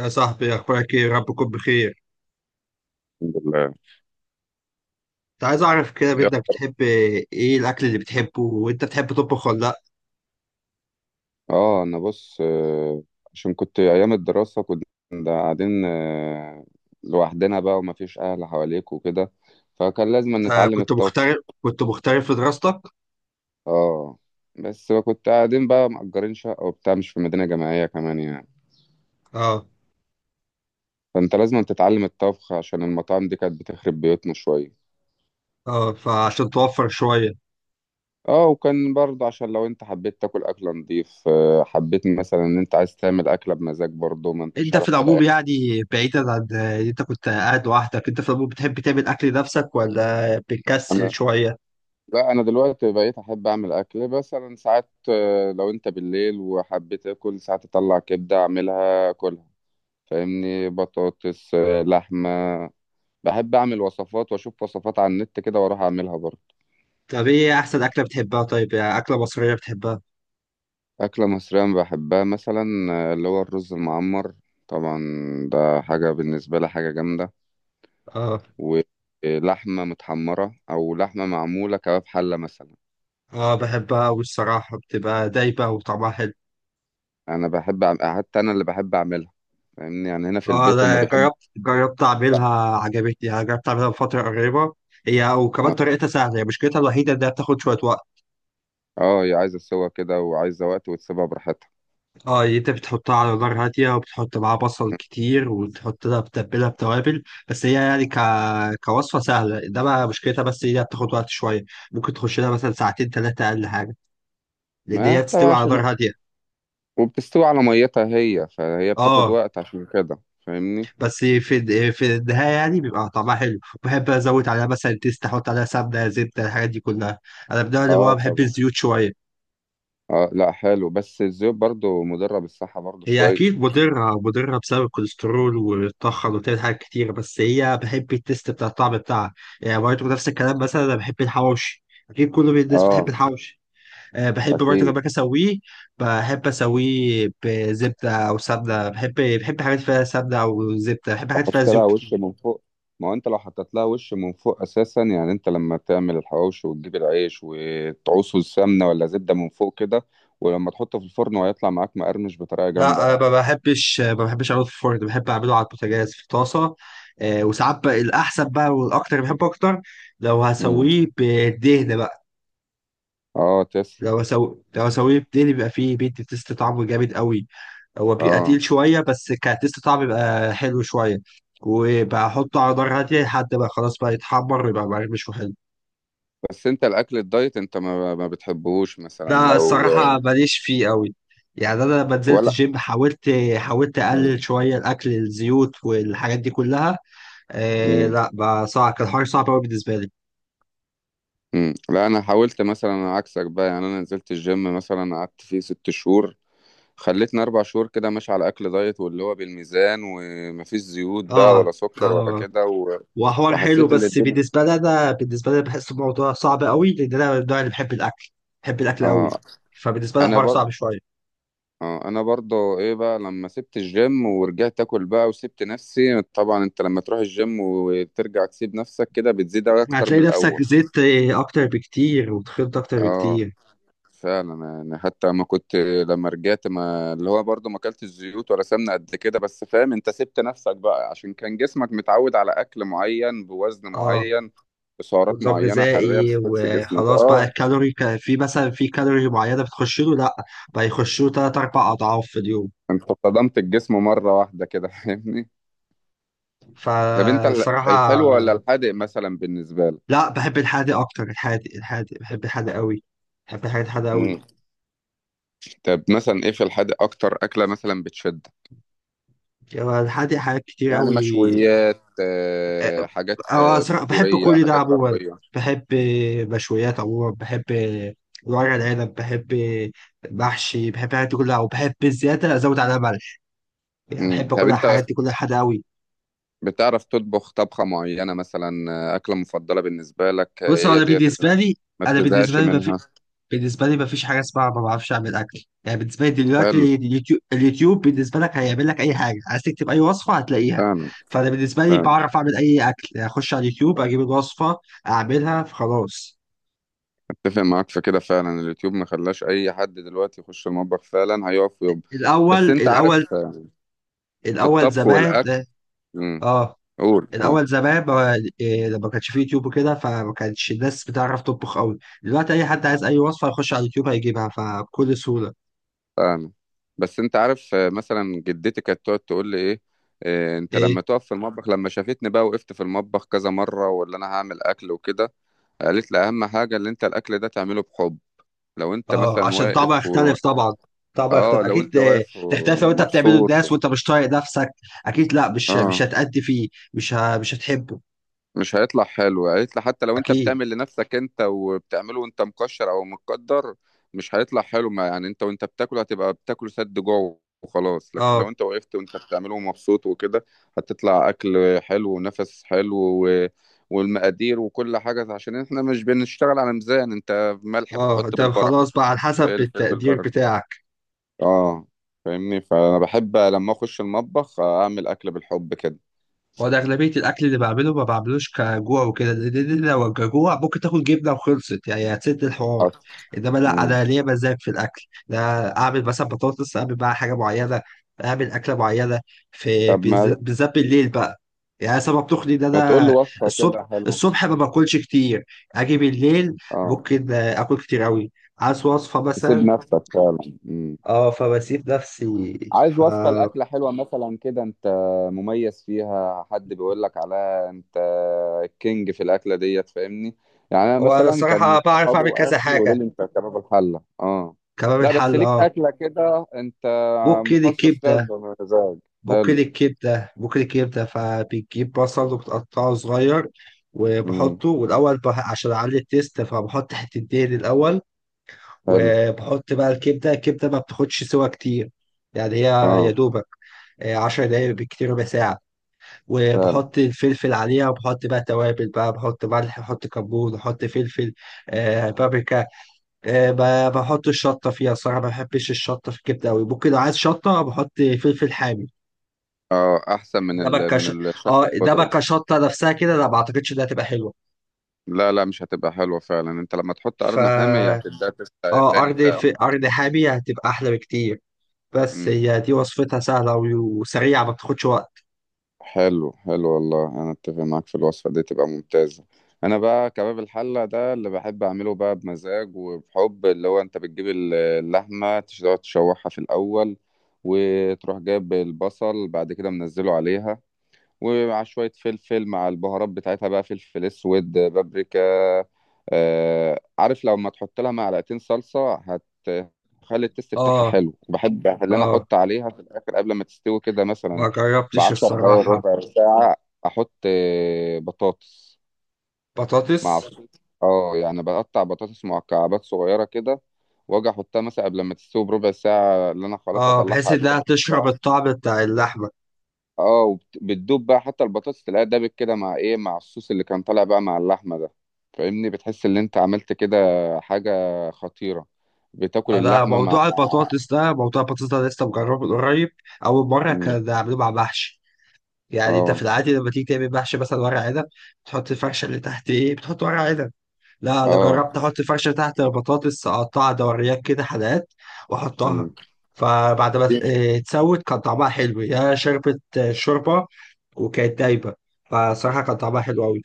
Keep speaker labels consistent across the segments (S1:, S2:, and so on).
S1: يا صاحبي، اخبارك ايه؟ رب تكون بخير.
S2: الحمد لله.
S1: كنت عايز اعرف كده
S2: يلا.
S1: منك، بتحب ايه الاكل اللي بتحبه؟ وانت بتحب تطبخ ولا لا؟
S2: اه انا بص، عشان كنت ايام الدراسه كنا قاعدين، لوحدنا بقى ومفيش اهل حواليك وكده، فكان لازم
S1: آه،
S2: نتعلم
S1: كنت
S2: الطبخ.
S1: مغترب كنت مغترب في دراستك؟
S2: اه، بس كنت قاعدين بقى مأجرين شقه وبتاع، مش في مدينه جامعيه كمان يعني.
S1: اه،
S2: فانت لازم تتعلم الطبخ عشان المطاعم دي كانت بتخرب بيوتنا شويه.
S1: اه، فعشان توفر شويه.
S2: اه، وكان برضه عشان لو انت حبيت تاكل اكل نضيف، حبيت مثلا ان انت عايز تعمل اكله بمزاج برضه ما انتش
S1: انت في
S2: عارف
S1: العموم
S2: تلاقيها.
S1: يعني، بعيدا عن ان انت كنت قاعد لوحدك، انت في العموم بتحب تعمل اكل لنفسك ولا بتكسل شويه؟
S2: لا، انا دلوقتي بقيت احب اعمل اكل مثلا ساعات، لو انت بالليل وحبيت اكل ساعات اطلع كبده اعملها اكلها. فاهمني، بطاطس، لحمه. بحب اعمل وصفات واشوف وصفات على النت كده واروح اعملها برضه.
S1: طب ايه احسن اكله بتحبها؟ طيب يعني اكله مصريه بتحبها؟
S2: اكله مصريه أنا بحبها مثلا، اللي هو الرز المعمر. طبعا. ده حاجه بالنسبه لي حاجه جامده.
S1: اه،
S2: ولحمه متحمره او لحمه معموله كباب حله مثلا.
S1: اه، بحبها، والصراحه بتبقى دايبه وطعمها حلو.
S2: حتى انا اللي بحب اعملها. فاهمني يعني هنا في
S1: اه،
S2: البيت هم
S1: ده
S2: بيحبوا.
S1: جربت اعملها، عجبتني، انا جربت اعملها بفتره قريبه. هي وكمان طريقتها سهله، هي مشكلتها الوحيده انها بتاخد شويه وقت.
S2: اه، هي عايزه سوا كده وعايزه وقت وتسيبها براحتها.
S1: اه، يعني انت بتحطها على نار هاديه، وبتحط معاها بصل كتير، وتحط لها بتتبلها بتوابل. بس هي يعني كوصفه سهله، انما مشكلتها بس هي بتاخد وقت شويه. ممكن تخش لها مثلا ساعتين ثلاثه اقل حاجه، لان
S2: ما
S1: هي
S2: انت بقى
S1: بتستوي على
S2: عشان
S1: نار هاديه.
S2: وبتستوي على ميتها هي، فهي بتاخد
S1: اه،
S2: وقت عشان كده فاهمني.
S1: بس في النهايه يعني بيبقى طعمها حلو، بحب ازود عليها مثلا تيست، احط عليها سمنه، زبده، الحاجات دي كلها. انا من النوع اللي هو
S2: اه،
S1: بحب
S2: طبعا.
S1: الزيوت شويه.
S2: اه، لا، حلو بس الزيوت برضو مضره بالصحه برضو
S1: هي
S2: شويه.
S1: اكيد مضره، مضره بسبب الكوليسترول والطحن، وبتعمل حاجات كتير، بس هي بحب التيست بتاع الطعم بتاعها. يعني برضه نفس الكلام، مثلا انا بحب الحواوشي، اكيد كل الناس بتحب
S2: اه،
S1: الحواوشي. أه، بحب برضه لما أجي
S2: اكيد.
S1: اسويه، بحب اسويه بزبده او سمنه، بحب، بحب حاجات فيها سمنه او زبده، بحب حاجات فيها
S2: تحط
S1: زيوت
S2: لها وش
S1: كتير.
S2: من فوق. ما هو انت لو حطيت لها وش من فوق اساسا، يعني انت لما تعمل الحواوشي وتجيب العيش وتعوصه السمنه ولا زبده من فوق كده. ولما تحطه في الفرن وهيطلع معاك مقرمش بطريقه جامده
S1: لا، ما
S2: يعني.
S1: بحبش ما بحبش اعمله في الفرن، بحب اعمله على البوتاجاز في طاسه. وساعات بقى الاحسن بقى والاكتر بحبه اكتر، لو
S2: امم.
S1: هسويه بدهن بقى.
S2: اه، تسلم.
S1: لو هسويه بدهن بيبقى فيه بيدي تيست طعمه جامد قوي. هو بيبقى
S2: اه،
S1: تقيل شويه، بس كتيست طعم بيبقى حلو شويه، وبحطه على نار هاديه لحد ما خلاص بقى يتحمر ويبقى مقرمش وحلو.
S2: بس انت الاكل الدايت انت ما بتحبهوش مثلا
S1: ده
S2: لو...
S1: الصراحه ماليش فيه قوي. يعني انا لما نزلت
S2: ولا.
S1: الجيم، حاولت اقلل
S2: مم.
S1: شويه الاكل، الزيوت والحاجات دي كلها. آه،
S2: مم.
S1: لا بقى صعب، كان حوار صعب قوي بالنسبه لي.
S2: مم. لا، انا حاولت مثلا عكسك بقى. يعني انا نزلت الجيم مثلا قعدت فيه 6 شهور. خلتني 4 شهور كده ماشي على اكل دايت واللي هو بالميزان ومفيش زيوت بقى
S1: اه،
S2: ولا سكر ولا
S1: اه،
S2: كده
S1: وحوار حلو،
S2: وحسيت ان
S1: بس
S2: الدنيا.
S1: بالنسبه لي بحس الموضوع صعب قوي، لان انا من النوع اللي بحب الاكل، بحب الاكل
S2: اه
S1: قوي. فبالنسبه لي
S2: انا
S1: الحوار
S2: بر...
S1: صعب شويه.
S2: اه، انا برضه ايه بقى لما سبت الجيم ورجعت اكل بقى وسبت نفسي. طبعا انت لما تروح الجيم وترجع تسيب نفسك كده بتزيد اكتر من
S1: هتلاقي
S2: الاول.
S1: نفسك زيت اكتر بكتير وتخنت اكتر
S2: اه،
S1: بكتير.
S2: فعلا يعني. حتى ما كنت لما رجعت، ما اللي هو برضه ما اكلتش زيوت ولا سمنه قد كده، بس فاهم انت سبت نفسك بقى عشان كان جسمك متعود على اكل معين بوزن
S1: اه،
S2: معين بسعرات
S1: ونظام
S2: معينه حراريه
S1: غذائي
S2: بتخش جسمك،
S1: وخلاص بقى،
S2: اه.
S1: الكالوري كان في مثلا في كالوري معينه بتخش له، لا، بقى يخش له ثلاث اربع اضعاف في اليوم.
S2: انت صدمت الجسم مره واحده كده فاهمني. طب انت
S1: فالصراحه،
S2: الحلو ولا الحادق مثلا بالنسبه لك؟
S1: لا، بحب الحادق اكتر، الحادق، الحادق، بحب الحادق قوي، بحب الحاجات الحادقه قوي.
S2: مم. طب مثلا ايه في الحادق اكتر اكله مثلا بتشد؟
S1: هو الحادق حاجات كتير
S2: يعني
S1: قوي.
S2: مشويات،
S1: اه.
S2: حاجات،
S1: صراحة بحب
S2: سوريه،
S1: كل ده
S2: حاجات
S1: عموما،
S2: غربيه.
S1: بحب، مشويات عموما بحب، ورق العنب بحب، محشي بحب، الحاجات دي كلها، وبحب الزيادة ازود عليها ملح. يعني
S2: مم.
S1: بحب
S2: طب
S1: كل الحاجات
S2: انت
S1: دي كلها حادقه قوي.
S2: بتعرف تطبخ طبخة معينة مثلا، أكلة مفضلة بالنسبة لك،
S1: بص، هو
S2: هي
S1: انا
S2: ديت اللي
S1: بالنسبه لي
S2: ما
S1: انا
S2: بتزهقش
S1: بالنسبه لي مفيش،
S2: منها؟
S1: بالنسبة لي مفيش حاجة اسمها ما بعرفش أعمل أكل. يعني بالنسبة لي
S2: حلو.
S1: دلوقتي اليوتيوب بالنسبة لك هيعمل لك أي حاجة، عايز تكتب أي وصفة هتلاقيها.
S2: فعلا.
S1: فأنا بالنسبة لي
S2: فعلا،
S1: بعرف أعمل أي أكل، يعني أخش على اليوتيوب أجيب الوصفة أعملها فخلاص.
S2: أتفق معاك في كده. فعلا اليوتيوب ما خلاش أي حد دلوقتي يخش المطبخ، فعلا هيقف ويب.
S1: الأول
S2: بس أنت
S1: الأول
S2: عارف، في
S1: الأول
S2: الطبخ
S1: زمان
S2: والأكل. مم،
S1: آه
S2: قول قول.
S1: الأول زمان ما- إيه، لما كانش فيه يوتيوب وكده، فما كانش الناس بتعرف تطبخ أوي. دلوقتي أي حد عايز أي وصفة يخش على اليوتيوب هيجيبها، فبكل سهولة.
S2: فعلا. بس أنت عارف، مثلا جدتي كانت تقعد تقول لي إيه، انت
S1: إيه؟
S2: لما تقف في المطبخ. لما شافتني بقى وقفت في المطبخ كذا مره واللي انا هعمل اكل وكده، قالت لي اهم حاجه اللي انت الاكل ده تعمله بحب. لو انت
S1: اه،
S2: مثلا
S1: عشان طبعا
S2: واقف
S1: يختلف، طبعا يختلف
S2: اه، لو
S1: اكيد.
S2: انت واقف
S1: تختلف لو انت بتعمله
S2: ومبسوط
S1: للناس وانت مش طايق نفسك. اكيد، لا، مش
S2: اه،
S1: هتأدي فيه، مش هتحبه.
S2: مش هيطلع حلو. هيطلع، حتى لو انت
S1: اكيد.
S2: بتعمل لنفسك انت وبتعمله وانت مكشر او متقدر مش هيطلع حلو. ما يعني انت وانت بتاكل هتبقى بتاكل سد جوع وخلاص، لكن
S1: اه،
S2: لو انت وقفت وانت بتعمله ومبسوط وكده هتطلع اكل حلو ونفس حلو. و... والمقادير وكل حاجة، عشان احنا مش بنشتغل على ميزان، انت ملح
S1: اه،
S2: بتحط
S1: انت
S2: بالبركة،
S1: خلاص بقى على حسب
S2: فلفل
S1: التقدير
S2: بالبركة.
S1: بتاعك.
S2: اه، فاهمني. فانا بحب لما اخش المطبخ اعمل اكل بالحب كده.
S1: وانا اغلبيه الاكل اللي بعمله ما بعملوش كجوع وكده، لان لو كجوع ممكن تاكل جبنه وخلصت، يعني هتسد الحوار.
S2: حصل.
S1: انما لا،
S2: مم.
S1: انا ليا مزاج في الاكل. لا، اعمل مثلا بطاطس، اعمل بقى حاجه معينه، اعمل اكله معينه، في
S2: طب ما
S1: بالذات بالليل بقى. يعني سبب تخلي ان
S2: ما تقول لي
S1: انا،
S2: وصفه
S1: الصبح
S2: كده حلوه.
S1: الصبح ما باكلش كتير، اجي بالليل
S2: اه،
S1: ممكن اكل كتير قوي. عايز وصفه
S2: تسيب
S1: مثلا.
S2: نفسك فعلا. مم.
S1: اه، فبسيب نفسي.
S2: عايز
S1: ف
S2: وصفه لاكله حلوه مثلا كده انت مميز فيها حد بيقول لك عليها انت الكينج في الاكله ديت فاهمني. يعني انا
S1: هو انا
S2: مثلا كان
S1: الصراحه بعرف
S2: صحابي
S1: اعمل كذا
S2: واهلي يقولوا
S1: حاجه.
S2: لي انت كباب الحله، اه.
S1: كباب
S2: لا، بس
S1: الحل،
S2: ليك
S1: اه.
S2: اكله كده انت
S1: بوكيل
S2: مخصص فيها
S1: الكبدة
S2: بمزاج.
S1: بوكيل
S2: حلو.
S1: الكبدة بوكيل الكبدة فبتجيب بصل وبتقطعه صغير،
S2: امم.
S1: وبحطه، والأول عشان أعلي التيست فبحط حتة دهن الأول.
S2: حلو.
S1: وبحط بقى الكبدة، الكبدة ما بتاخدش سوا كتير. يعني هي يا
S2: اه،
S1: دوبك، 10 دقايق بالكتير ربع ساعة.
S2: فعلا.
S1: وبحط الفلفل عليها، وبحط بقى توابل بقى، بحط ملح، بحط كمون، بحط فلفل، بابريكا. بحط الشطة فيها، صراحة ما بحبش الشطة في الكبدة أوي. ممكن لو عايز شطة بحط فلفل حامي.
S2: اه، احسن من
S1: ده بقى كش...
S2: من الشقه
S1: اه ده بقى
S2: الخضراء.
S1: كشطه نفسها كده، لا ما اعتقدش انها هتبقى حلوه.
S2: لا، لا، مش هتبقى حلوه فعلا، انت لما تحط
S1: ف
S2: قرن حامي هي هتبدا تسقى
S1: اه
S2: تاني
S1: ارض
S2: فعلا.
S1: في ارض حامي هتبقى احلى بكتير. بس
S2: امم.
S1: هي دي وصفتها سهله وسريعه، ما بتاخدش وقت.
S2: حلو، حلو والله، انا اتفق معاك في الوصفه دي تبقى ممتازه. انا بقى كباب الحله ده اللي بحب اعمله بقى بمزاج، وبحب اللي هو انت بتجيب اللحمه تقعد تشوحها في الاول، وتروح جايب البصل بعد كده منزله عليها، ومع شوية فلفل مع البهارات بتاعتها بقى، فلفل اسود، بابريكا. عارف لو ما تحط لها معلقتين صلصة هتخلي التست بتاعها
S1: اه،
S2: حلو. بحب اللي انا
S1: اه،
S2: احط عليها في الاخر قبل ما تستوي كده مثلا
S1: ما جربتش
S2: بـ10 دقايق
S1: الصراحه.
S2: ربع ساعة. احط، بطاطس مع،
S1: بطاطس،
S2: اه يعني بقطع بطاطس مكعبات صغيرة كده، واجي احطها مثلا قبل ما تستوي بربع ساعة اللي انا خلاص
S1: اه،
S2: هطلعها
S1: بحيث
S2: قبلها.
S1: انها تشرب الطعم بتاع اللحمه.
S2: اه، بتدوب بقى، حتى البطاطس تلاقيها دابت كده مع ايه؟ مع الصوص اللي كان طالع بقى مع اللحمه ده. فاهمني بتحس ان انت عملت كده حاجه خطيره. بتاكل
S1: انا
S2: اللحمه
S1: موضوع البطاطس ده لسه مجربه من قريب. اول مره
S2: مم.
S1: كان عاملين مع محشي. يعني انت في
S2: اه.
S1: العادي لما تيجي تعمل محشي مثلا ورق عنب، بتحط الفرشه اللي تحت، ايه؟ بتحط ورق عنب. لا، انا
S2: اه.
S1: جربت احط فرشه تحت، البطاطس اقطعها دوريات كده، حلقات، واحطها،
S2: مم.
S1: فبعد ما ت-
S2: في
S1: إيه، تسود كان طعمها حلو، يا شربت شوربه، وكانت دايبه. فصراحه كان طعمها حلو قوي.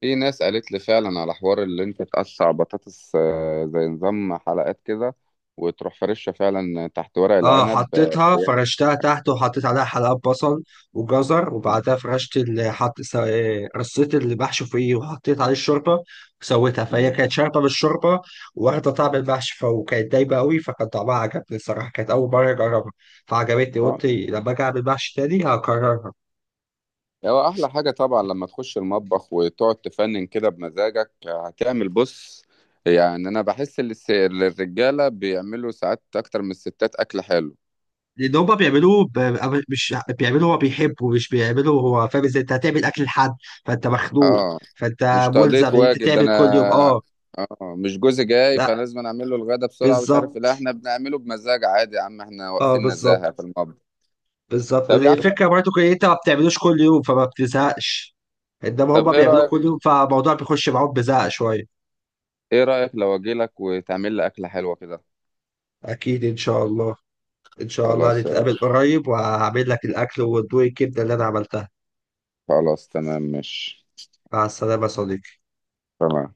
S2: في ناس قالت لي فعلا على حوار اللي انت تقطع بطاطس، زي نظام حلقات كده، وتروح فرشها فعلا تحت ورق
S1: اه،
S2: العنب،
S1: حطيتها فرشتها تحت وحطيت عليها حلقات بصل وجزر، وبعدها فرشت اللي حط س- آه، رصيت اللي بحشو فيه، وحطيت عليه الشوربه وسويتها، فهي كانت شاربه بالشوربه واخده طعم المحشي، فكانت دايبه قوي، فكان طعمها عجبني. الصراحه كانت اول مره اجربها، فعجبتني،
S2: مم.
S1: قلت لما اجي اعمل محشي تاني هكررها.
S2: هو احلى حاجه طبعا لما تخش المطبخ وتقعد تفنن كده بمزاجك هتعمل، بص. يعني انا بحس ان الرجاله بيعملوا ساعات اكتر من الستات اكل حلو.
S1: لان هما بيعملوه مش بيعملوه هو بيحبه، مش بيعملوه هو فاهم، ازاي انت هتعمل اكل لحد؟ فانت مخنوق،
S2: اه،
S1: فانت
S2: مش تقضيه
S1: ملزم ان انت
S2: واجب، ده
S1: تعمل
S2: انا.
S1: كل يوم، اه.
S2: اه، مش جوزي جاي
S1: لا،
S2: فلازم أنا اعمل له الغدا بسرعه مش عارف إيه.
S1: بالظبط،
S2: لا، احنا بنعمله بمزاج عادي يا عم، احنا
S1: اه،
S2: واقفين نزاهه في
S1: بالظبط
S2: المطبخ.
S1: بالظبط
S2: طب يا
S1: هي
S2: عم.
S1: الفكره برضو ان انت ما بتعملوش كل يوم، فما بتزهقش. انما هما
S2: طب ايه
S1: بيعملوه
S2: رايك
S1: كل يوم، فالموضوع بيخش معاهم بزهق شويه.
S2: ايه رايك لو اجي لك وتعمل لي اكله حلوه كده؟
S1: اكيد، ان شاء الله، ان شاء الله
S2: خلاص يا
S1: نتقابل
S2: باشا.
S1: قريب وهعمل لك الاكل وادوق الكبده اللي انا عملتها.
S2: خلاص تمام ماشي.
S1: مع السلامه يا صديقي.
S2: تمام.